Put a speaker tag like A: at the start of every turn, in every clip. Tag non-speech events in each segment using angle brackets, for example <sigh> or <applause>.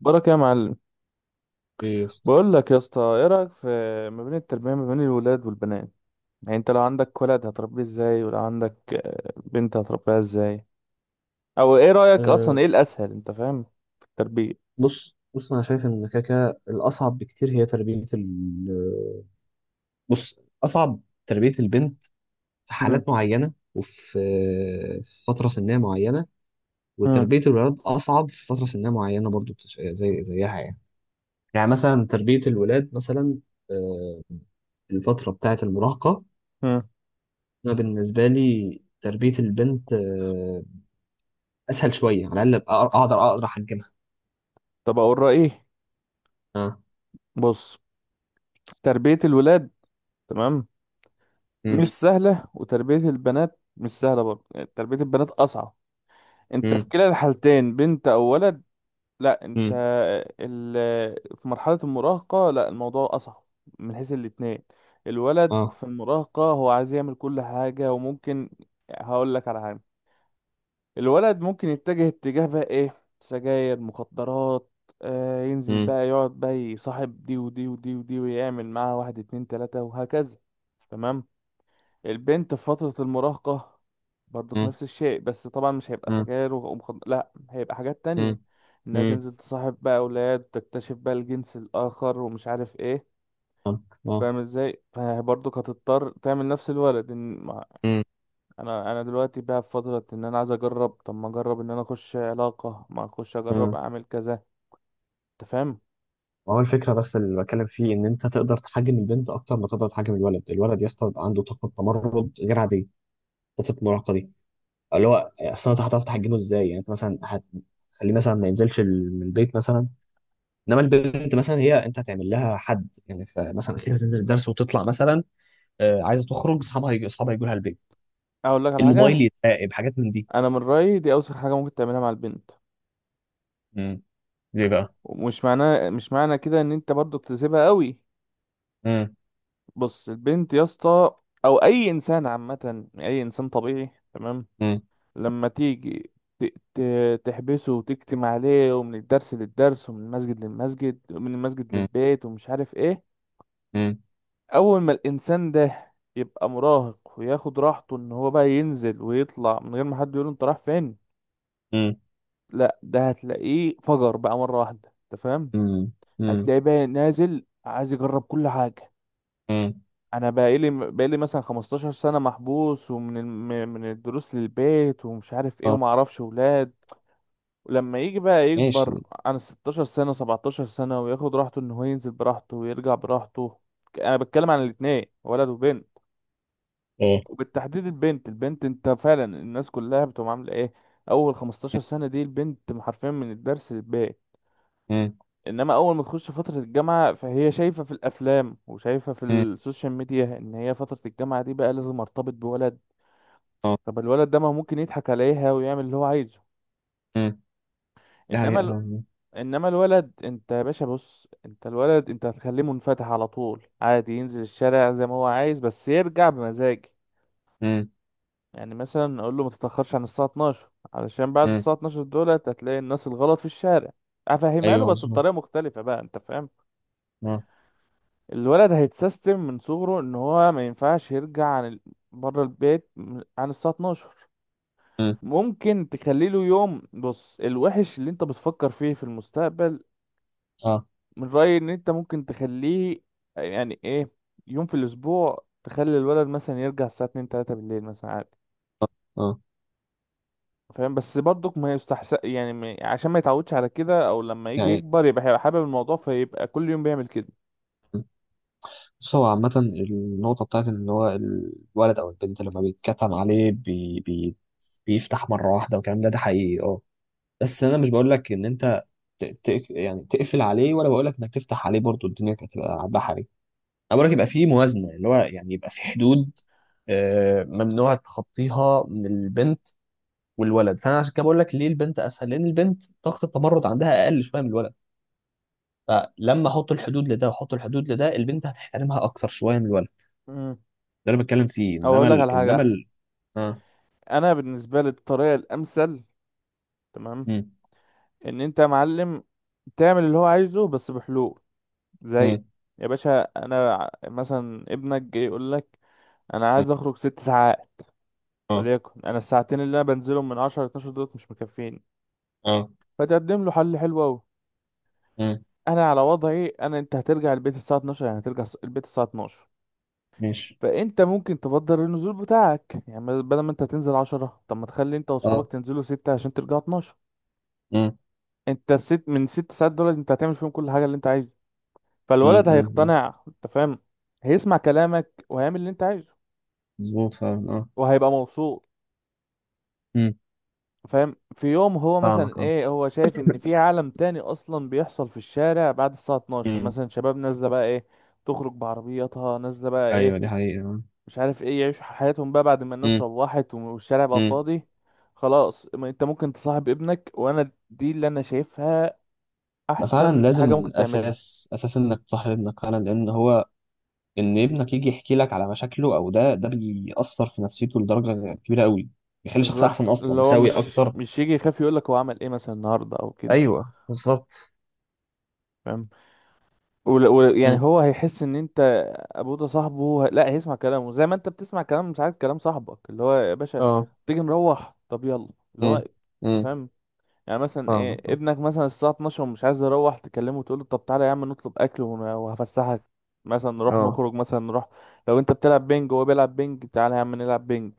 A: بارك يا معلم،
B: ايه يا اسطى؟
A: بقول لك يا اسطى ايه رايك في ما بين التربيه، ما بين الولاد والبنات. يعني انت لو عندك ولد هتربيه ازاي، ولو عندك بنت هتربيها ازاي، او ايه رايك اصلا
B: أه.
A: ايه الاسهل؟ انت فاهم في التربيه.
B: بص بص، انا شايف ان كده كده الاصعب بكتير هي تربيه بص، اصعب تربيه البنت في
A: مم.
B: حالات معينه، في فتره سنيه معينه،
A: مم.
B: وتربيه الولاد اصعب في فتره سنيه معينه برضو، زيها يعني. يعني مثلا تربيه الولاد مثلا، أه الفتره بتاعه المراهقه.
A: مم.
B: انا بالنسبه لي تربيه البنت اسهل شويه، على الاقل أقدر أحجمها.
A: طب اقول رايي.
B: اه.
A: بص، تربيه الولاد، تمام،
B: امم.
A: مش سهله وتربيه البنات مش سهله برضه، يعني تربيه البنات اصعب. انت في كلا الحالتين بنت او ولد، لا انت
B: امم.
A: ال... في مرحلة المراهقة لا الموضوع أصعب من حيث الاتنين. الولد
B: اه.
A: في المراهقة هو عايز يعمل كل حاجة وممكن، هقول لك على حاجة، الولد ممكن يتجه اتجاه بقى ايه، سجاير، مخدرات، آه ينزل
B: امم.
A: بقى يقعد بقى يصاحب دي ودي ودي ودي ويعمل معاها واحد اتنين تلاتة وهكذا، تمام. البنت في فترة المراهقة برضو نفس الشيء، بس طبعا مش هيبقى سجاير لا هيبقى حاجات تانية،
B: مم.
A: انها
B: مم.
A: تنزل تصاحب بقى اولاد وتكتشف بقى الجنس الاخر ومش عارف ايه.
B: فاهمك. اه.
A: فاهم ازاي؟ فبرضو هتضطر تعمل نفس الولد، إن ما-
B: مم.
A: انا دلوقتي بقى في فترة ان انا عايز اجرب، طب ما اجرب ان انا اخش علاقة، ما اخش اجرب
B: مم.
A: اعمل كذا. انت فاهم؟
B: هو الفكره بس اللي بتكلم فيه، ان انت تقدر تحجم البنت اكتر ما تقدر تحجم الولد، الولد يا اسطى بيبقى عنده طاقه تمرد غير عاديه، فتره المراهقه دي، اللي هو اصل انت هتعرف تحجمه ازاي؟ يعني انت مثلا هتخليه مثلا ما ينزلش من البيت مثلا، انما البنت مثلا هي انت هتعمل لها حد، يعني مثلا اخيرا تنزل الدرس وتطلع مثلا، آه، عايزه تخرج اصحابها، اصحابها يجوا لها البيت،
A: اقول لك على
B: الموبايل
A: حاجة،
B: يتراقب، حاجات من دي.
A: انا من رأيي دي اوسخ حاجة ممكن تعملها مع البنت،
B: مم. ليه بقى؟
A: ومش معناه، مش معنى كده ان انت برضو بتسيبها قوي.
B: مم.
A: بص البنت يا اسطى، او اي انسان عامه، اي انسان طبيعي، تمام،
B: مم.
A: لما تيجي تحبسه وتكتم عليه ومن الدرس للدرس ومن المسجد للمسجد ومن المسجد
B: مم.
A: للبيت ومش عارف ايه، اول ما الانسان ده يبقى مراهق وياخد راحته ان هو بقى ينزل ويطلع من غير ما حد يقول انت رايح فين،
B: مم.
A: لا ده هتلاقيه فجر بقى مره واحده. انت فاهم؟
B: مم. مم.
A: هتلاقيه بقى نازل عايز يجرب كل حاجه.
B: مم.
A: انا بقالي مثلا 15 سنه محبوس ومن من الدروس للبيت ومش عارف ايه
B: اه.
A: وما اعرفش ولاد، ولما يجي بقى
B: ماشي.
A: يكبر عن 16 سنه، 17 سنه وياخد راحته ان هو ينزل براحته ويرجع براحته، انا بتكلم عن الاتنين ولد وبنت،
B: اه.
A: وبالتحديد البنت. البنت انت فعلا الناس كلها بتقوم عامله ايه، اول 15 سنه دي البنت حرفيا من الدرس للبيت،
B: مم.
A: انما اول ما تخش فتره الجامعه فهي شايفه في الافلام وشايفه في
B: مم.
A: السوشيال ميديا ان هي فتره الجامعه دي بقى لازم ارتبط بولد.
B: اه.
A: طب الولد ده ما ممكن يضحك عليها ويعمل اللي هو عايزه.
B: مم. ده
A: انما
B: حقيقة.
A: ال...
B: مم.
A: انما الولد انت يا باشا، بص انت الولد انت هتخليه منفتح على طول عادي، ينزل الشارع زي ما هو عايز، بس يرجع بمزاجي.
B: مم.
A: يعني مثلا اقول له ما تتاخرش عن الساعه 12، علشان بعد
B: مم.
A: الساعه 12 دولت هتلاقي الناس الغلط في الشارع. افهمها له
B: ايوه
A: بس
B: مظبوط.
A: بطريقه مختلفه بقى. انت فاهم؟
B: اه.
A: الولد هيتسيستم من صغره ان هو ما ينفعش يرجع عن بره البيت عن الساعه 12.
B: مم.
A: ممكن تخلي له يوم، بص الوحش اللي انت بتفكر فيه في المستقبل،
B: اه.
A: من رأيي ان انت ممكن تخليه، يعني ايه، يوم في الاسبوع تخلي الولد مثلا يرجع الساعة 2 3 بالليل مثلا عادي.
B: اه. آه.
A: فاهم؟ بس برضك ما يستحسن، يعني عشان ما يتعودش على كده، او لما يجي
B: يعني.
A: يكبر يبقى هيبقى حابب الموضوع فيبقى كل يوم بيعمل كده.
B: مم. بص، هو عامة النقطة بتاعت إن هو الولد أو البنت لما بيتكتم عليه بي بي بيفتح مرة واحدة، والكلام ده حقيقي. اه. بس أنا مش بقول لك إن أنت يعني تقفل عليه، ولا بقول لك إنك تفتح عليه برضو، الدنيا كانت هتبقى بحري. انا بقولك يبقى في موازنه، اللي هو يعني يبقى في حدود، آه، ممنوع تخطيها من البنت والولد. فانا عشان كده بقول لك ليه البنت اسهل، لان البنت طاقه التمرد عندها اقل شويه من الولد، فلما احط الحدود لده واحط الحدود لده البنت هتحترمها اكثر شويه من الولد.
A: مم.
B: ده اللي بتكلم فيه.
A: او
B: انما
A: اقول لك على
B: ال...
A: حاجة
B: انما
A: احسن،
B: ال... اه.
A: انا بالنسبة لي الطريقة الامثل، تمام،
B: امم.
A: ان انت يا معلم تعمل اللي هو عايزه بس بحلول. زي،
B: امم.
A: يا باشا انا مثلا ابنك جاي يقول لك انا عايز اخرج ست ساعات،
B: اه.
A: وليكن انا الساعتين اللي انا بنزلهم من 10 ل 12 دولت مش مكفيني،
B: اه.
A: فتقدم له حل حلو قوي.
B: امم.
A: انا على وضعي، انا انت هترجع البيت الساعه 12، يعني هترجع البيت الساعه 12،
B: ماشي.
A: فانت ممكن تبدل النزول بتاعك، يعني بدل ما انت تنزل 10 طب ما تخلي انت
B: اه.
A: واصحابك تنزلوا 6 عشان ترجعوا 12.
B: امم.
A: انت الست من ست ساعات دول انت هتعمل فيهم كل حاجه اللي انت عايزها،
B: امم.
A: فالولد
B: امم.
A: هيقتنع. انت فاهم؟ هيسمع كلامك وهيعمل اللي انت عايزه
B: مظبوط فعلا. اه.
A: وهيبقى مبسوط.
B: امم.
A: فاهم؟ في يوم هو مثلا
B: فاهمك. اه.
A: ايه، هو شايف ان في عالم تاني اصلا بيحصل في الشارع بعد الساعة 12،
B: امم.
A: مثلا شباب نازلة بقى ايه، تخرج بعربياتها نازلة بقى ايه،
B: ايوه دي حقيقه.
A: مش عارف ايه، يعيشوا حياتهم بقى بعد ما الناس
B: امم.
A: روحت والشارع بقى فاضي. خلاص، ما انت ممكن تصاحب ابنك، وانا دي اللي انا شايفها
B: فعلا
A: احسن حاجة
B: لازم
A: ممكن تعملها.
B: اساس اساس انك تصاحب ابنك، فعلا لان هو، ان ابنك يجي يحكي لك على مشاكله او ده بيأثر في نفسيته لدرجه كبيره قوي، بيخلي شخص
A: بالظبط،
B: احسن، اصلا
A: اللي هو
B: مساوي
A: مش
B: اكتر.
A: مش يجي يخاف يقولك هو عمل ايه مثلا النهاردة او كده.
B: ايوه بالظبط.
A: فاهم؟ يعني
B: امم.
A: هو هيحس ان انت ابوه ده صاحبه، لا هيسمع كلامه زي ما انت بتسمع كلام ساعات كلام صاحبك، اللي هو يا باشا
B: اه.
A: تيجي مروح طب يلا، اللي هو
B: امم.
A: انت.
B: امم.
A: فاهم؟ يعني مثلا
B: فاهمك.
A: ايه،
B: اه.
A: ابنك مثلا الساعه 12 ومش عايز يروح، تكلمه وتقول له طب تعالى يا عم نطلب اكل وهفسحك مثلا، نروح
B: اه.
A: نخرج مثلا نروح. لو انت بتلعب بينج وهو بيلعب بينج تعالى يا عم نلعب بينج.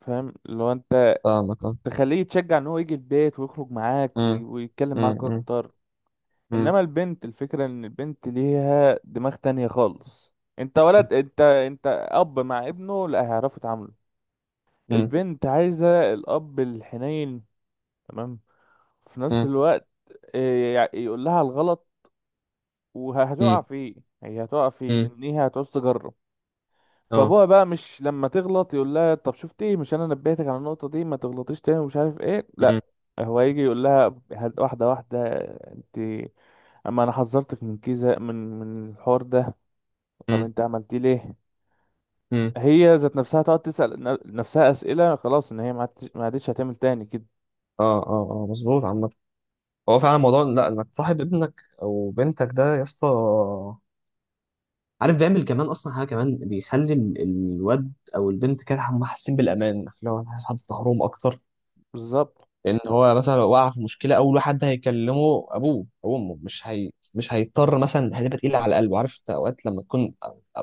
A: فاهم؟ اللي هو انت
B: فاهمك. اه.
A: تخليه يتشجع ان هو يجي البيت ويخرج معاك
B: امم.
A: ويتكلم معاك
B: امم.
A: اكتر.
B: امم.
A: انما البنت الفكرة ان البنت ليها دماغ تانية خالص. انت ولد، انت اب مع ابنه لا هيعرفوا يتعاملوا.
B: امم.
A: البنت عايزة الاب الحنين، تمام، في نفس
B: امم.
A: الوقت، يقول لها الغلط وهتقع
B: امم.
A: فيه، هي هتقع فيه
B: امم.
A: لان هي هتعوز تجرب.
B: اه.
A: فابوها بقى مش لما تغلط يقول لها طب شفتي إيه؟ مش انا نبهتك على النقطة دي، ما تغلطيش تاني ومش عارف ايه،
B: امم.
A: لا. هو يجي يقول لها واحدة واحدة، انت، اما انا حذرتك من كذا، من الحوار ده، طب
B: امم.
A: انت عملتيه ليه؟
B: امم.
A: هي ذات نفسها تقعد تسأل نفسها أسئلة. خلاص ان هي ما عادتش، ما عادتش هتعمل تاني كده.
B: اه. اه. اه مظبوط. عامة هو فعلا موضوع، لا انك تصاحب ابنك او بنتك ده يا اسطى، عارف بيعمل كمان اصلا حاجه، كمان بيخلي الواد او البنت كده هم حاسين بالامان، اللي هو عارف حد في ظهرهم اكتر.
A: بالظبط.
B: لان هو مثلا لو وقع في مشكله، اول حد هيكلمه ابوه او امه، مش هي، مش هيضطر مثلا هتبقى تقيله على قلبه. عارف انت اوقات لما تكون أ-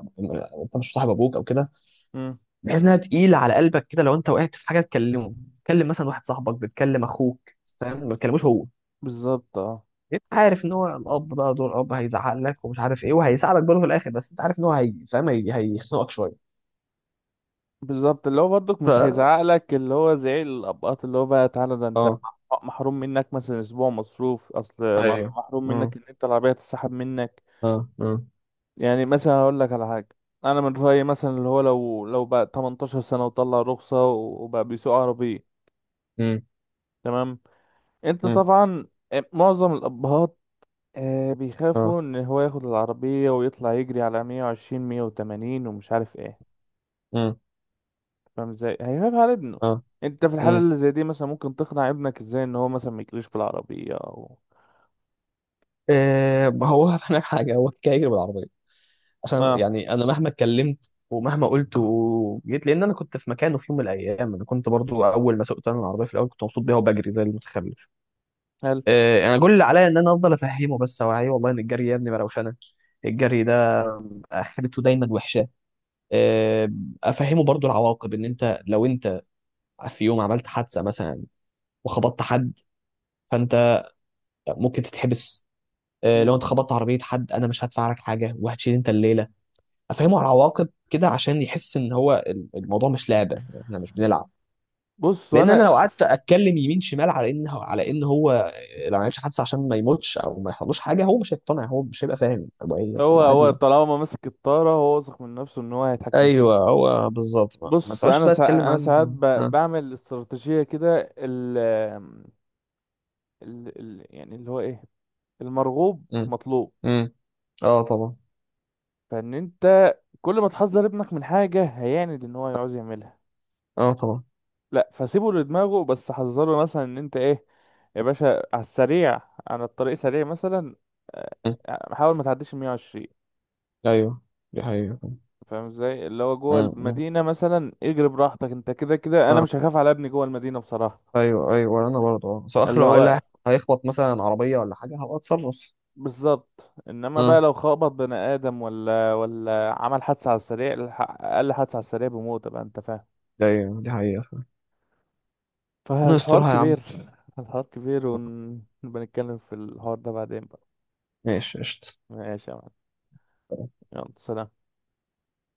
B: انت مش صاحب ابوك او كده،
A: امم.
B: بتحس انها تقيله على قلبك كده، لو انت وقعت في حاجه تكلمه، تكلم مثلا واحد صاحبك، بتكلم اخوك، فاهم، ما تكلموش هو.
A: بالظبط. اه.
B: انت عارف ان هو الاب بقى، دور الاب هيزعق لك ومش عارف ايه، وهيساعدك برضه في الاخر، بس انت عارف ان هو، هيخنقك شويه.
A: بالظبط، اللي هو برضك مش هيزعق لك، اللي هو زعيق الابقاط اللي هو بقى تعالى ده انت
B: اه.
A: محروم منك مثلا اسبوع مصروف،
B: ايوه.
A: محروم منك
B: مم.
A: ان انت العربيه تتسحب منك.
B: اه. مم.
A: يعني مثلا هقول لك على حاجه، انا من رايي مثلا اللي هو لو بقى 18 سنه وطلع رخصه وبقى بيسوق عربيه،
B: مم.
A: تمام، انت
B: مم.
A: طبعا معظم الابهات آه
B: اه.
A: بيخافوا ان هو ياخد العربية ويطلع يجري على 120 180 ومش عارف ايه.
B: مم.
A: فاهم ازاي هيخاف على ابنه؟
B: اه.
A: انت في الحالة
B: مم.
A: اللي زي دي مثلا ممكن تقنع ابنك ازاي ان هو مثلا ما يجريش في العربية او،
B: آه، ما هو <laughs> هفهمك حاجه، هو كده يجري بالعربيه عشان،
A: اه،
B: يعني انا مهما اتكلمت ومهما قلت وجيت، لان انا كنت في مكانه في يوم من الايام، انا كنت برضو اول ما سوقت انا العربيه في الاول كنت مبسوط بيها وبجري زي المتخلف.
A: هل
B: آه، انا كل اللي عليا ان انا افضل افهمه، بس اوعيه والله ان الجري يا ابني مروشنه، الجري ده اخرته دايما وحشه. آه، افهمه برضو العواقب، ان انت لو انت في يوم عملت حادثه مثلا وخبطت حد، فانت ممكن تتحبس. آه، لو
A: مم.
B: انت خبطت عربيه حد انا مش هدفع لك حاجه، وهتشيل انت الليله. افهمه على العواقب كده عشان يحس ان هو الموضوع مش لعبه، يعني احنا مش بنلعب.
A: بص
B: لان انا
A: انا،
B: لو قعدت اتكلم يمين شمال على ان هو آه، لو ما عملش حادثه عشان ما يموتش او ما يحصلوش حاجه، هو مش هيقتنع، هو مش هيبقى فاهم هو ايه، بس
A: هو
B: هو عادي
A: هو
B: يعني.
A: طالما ماسك الطارة هو واثق من نفسه ان هو هيتحكم
B: ايوه
A: فيه.
B: هو بالظبط. ما
A: بص
B: تقعدش
A: انا
B: بقى
A: سا...
B: تتكلم
A: انا
B: عن.
A: ساعات ب...
B: اه.
A: بعمل استراتيجية كده يعني اللي هو ايه، المرغوب
B: امم.
A: مطلوب.
B: امم. اه طبعا.
A: فان انت، كل ما تحذر ابنك من حاجة هيعند ان هو يعوز يعملها.
B: اه طبعا.
A: لا، فسيبه لدماغه بس حذره مثلا ان انت ايه، يا باشا على السريع، على الطريق سريع مثلا،
B: مم.
A: حاول ما تعديش ال 120.
B: ايوه دي حقيقة.
A: فاهم ازاي؟ اللي هو جوه
B: مم. مم.
A: المدينة مثلا اجري براحتك، انت كده كده انا
B: اه.
A: مش هخاف على ابني جوه المدينة بصراحة.
B: ايوه ايوه انا برضه اه، بس
A: اللي
B: اخر
A: هو
B: هيخبط مثلا عربيه ولا حاجه، هبقى اتصرف.
A: بالظبط، انما بقى
B: اه.
A: لو خبط بني ادم ولا عمل حادثة على السريع، اقل حادثة على السريع بموت بقى. انت فاهم؟
B: ايوه دي حقيقه. انا
A: فالحوار
B: استرها يا عم.
A: كبير، الحوار كبير ونبقى نتكلم في الحوار ده بعدين بقى.
B: ماشي قشطه.
A: ماشي يا معلم، يلا سلام.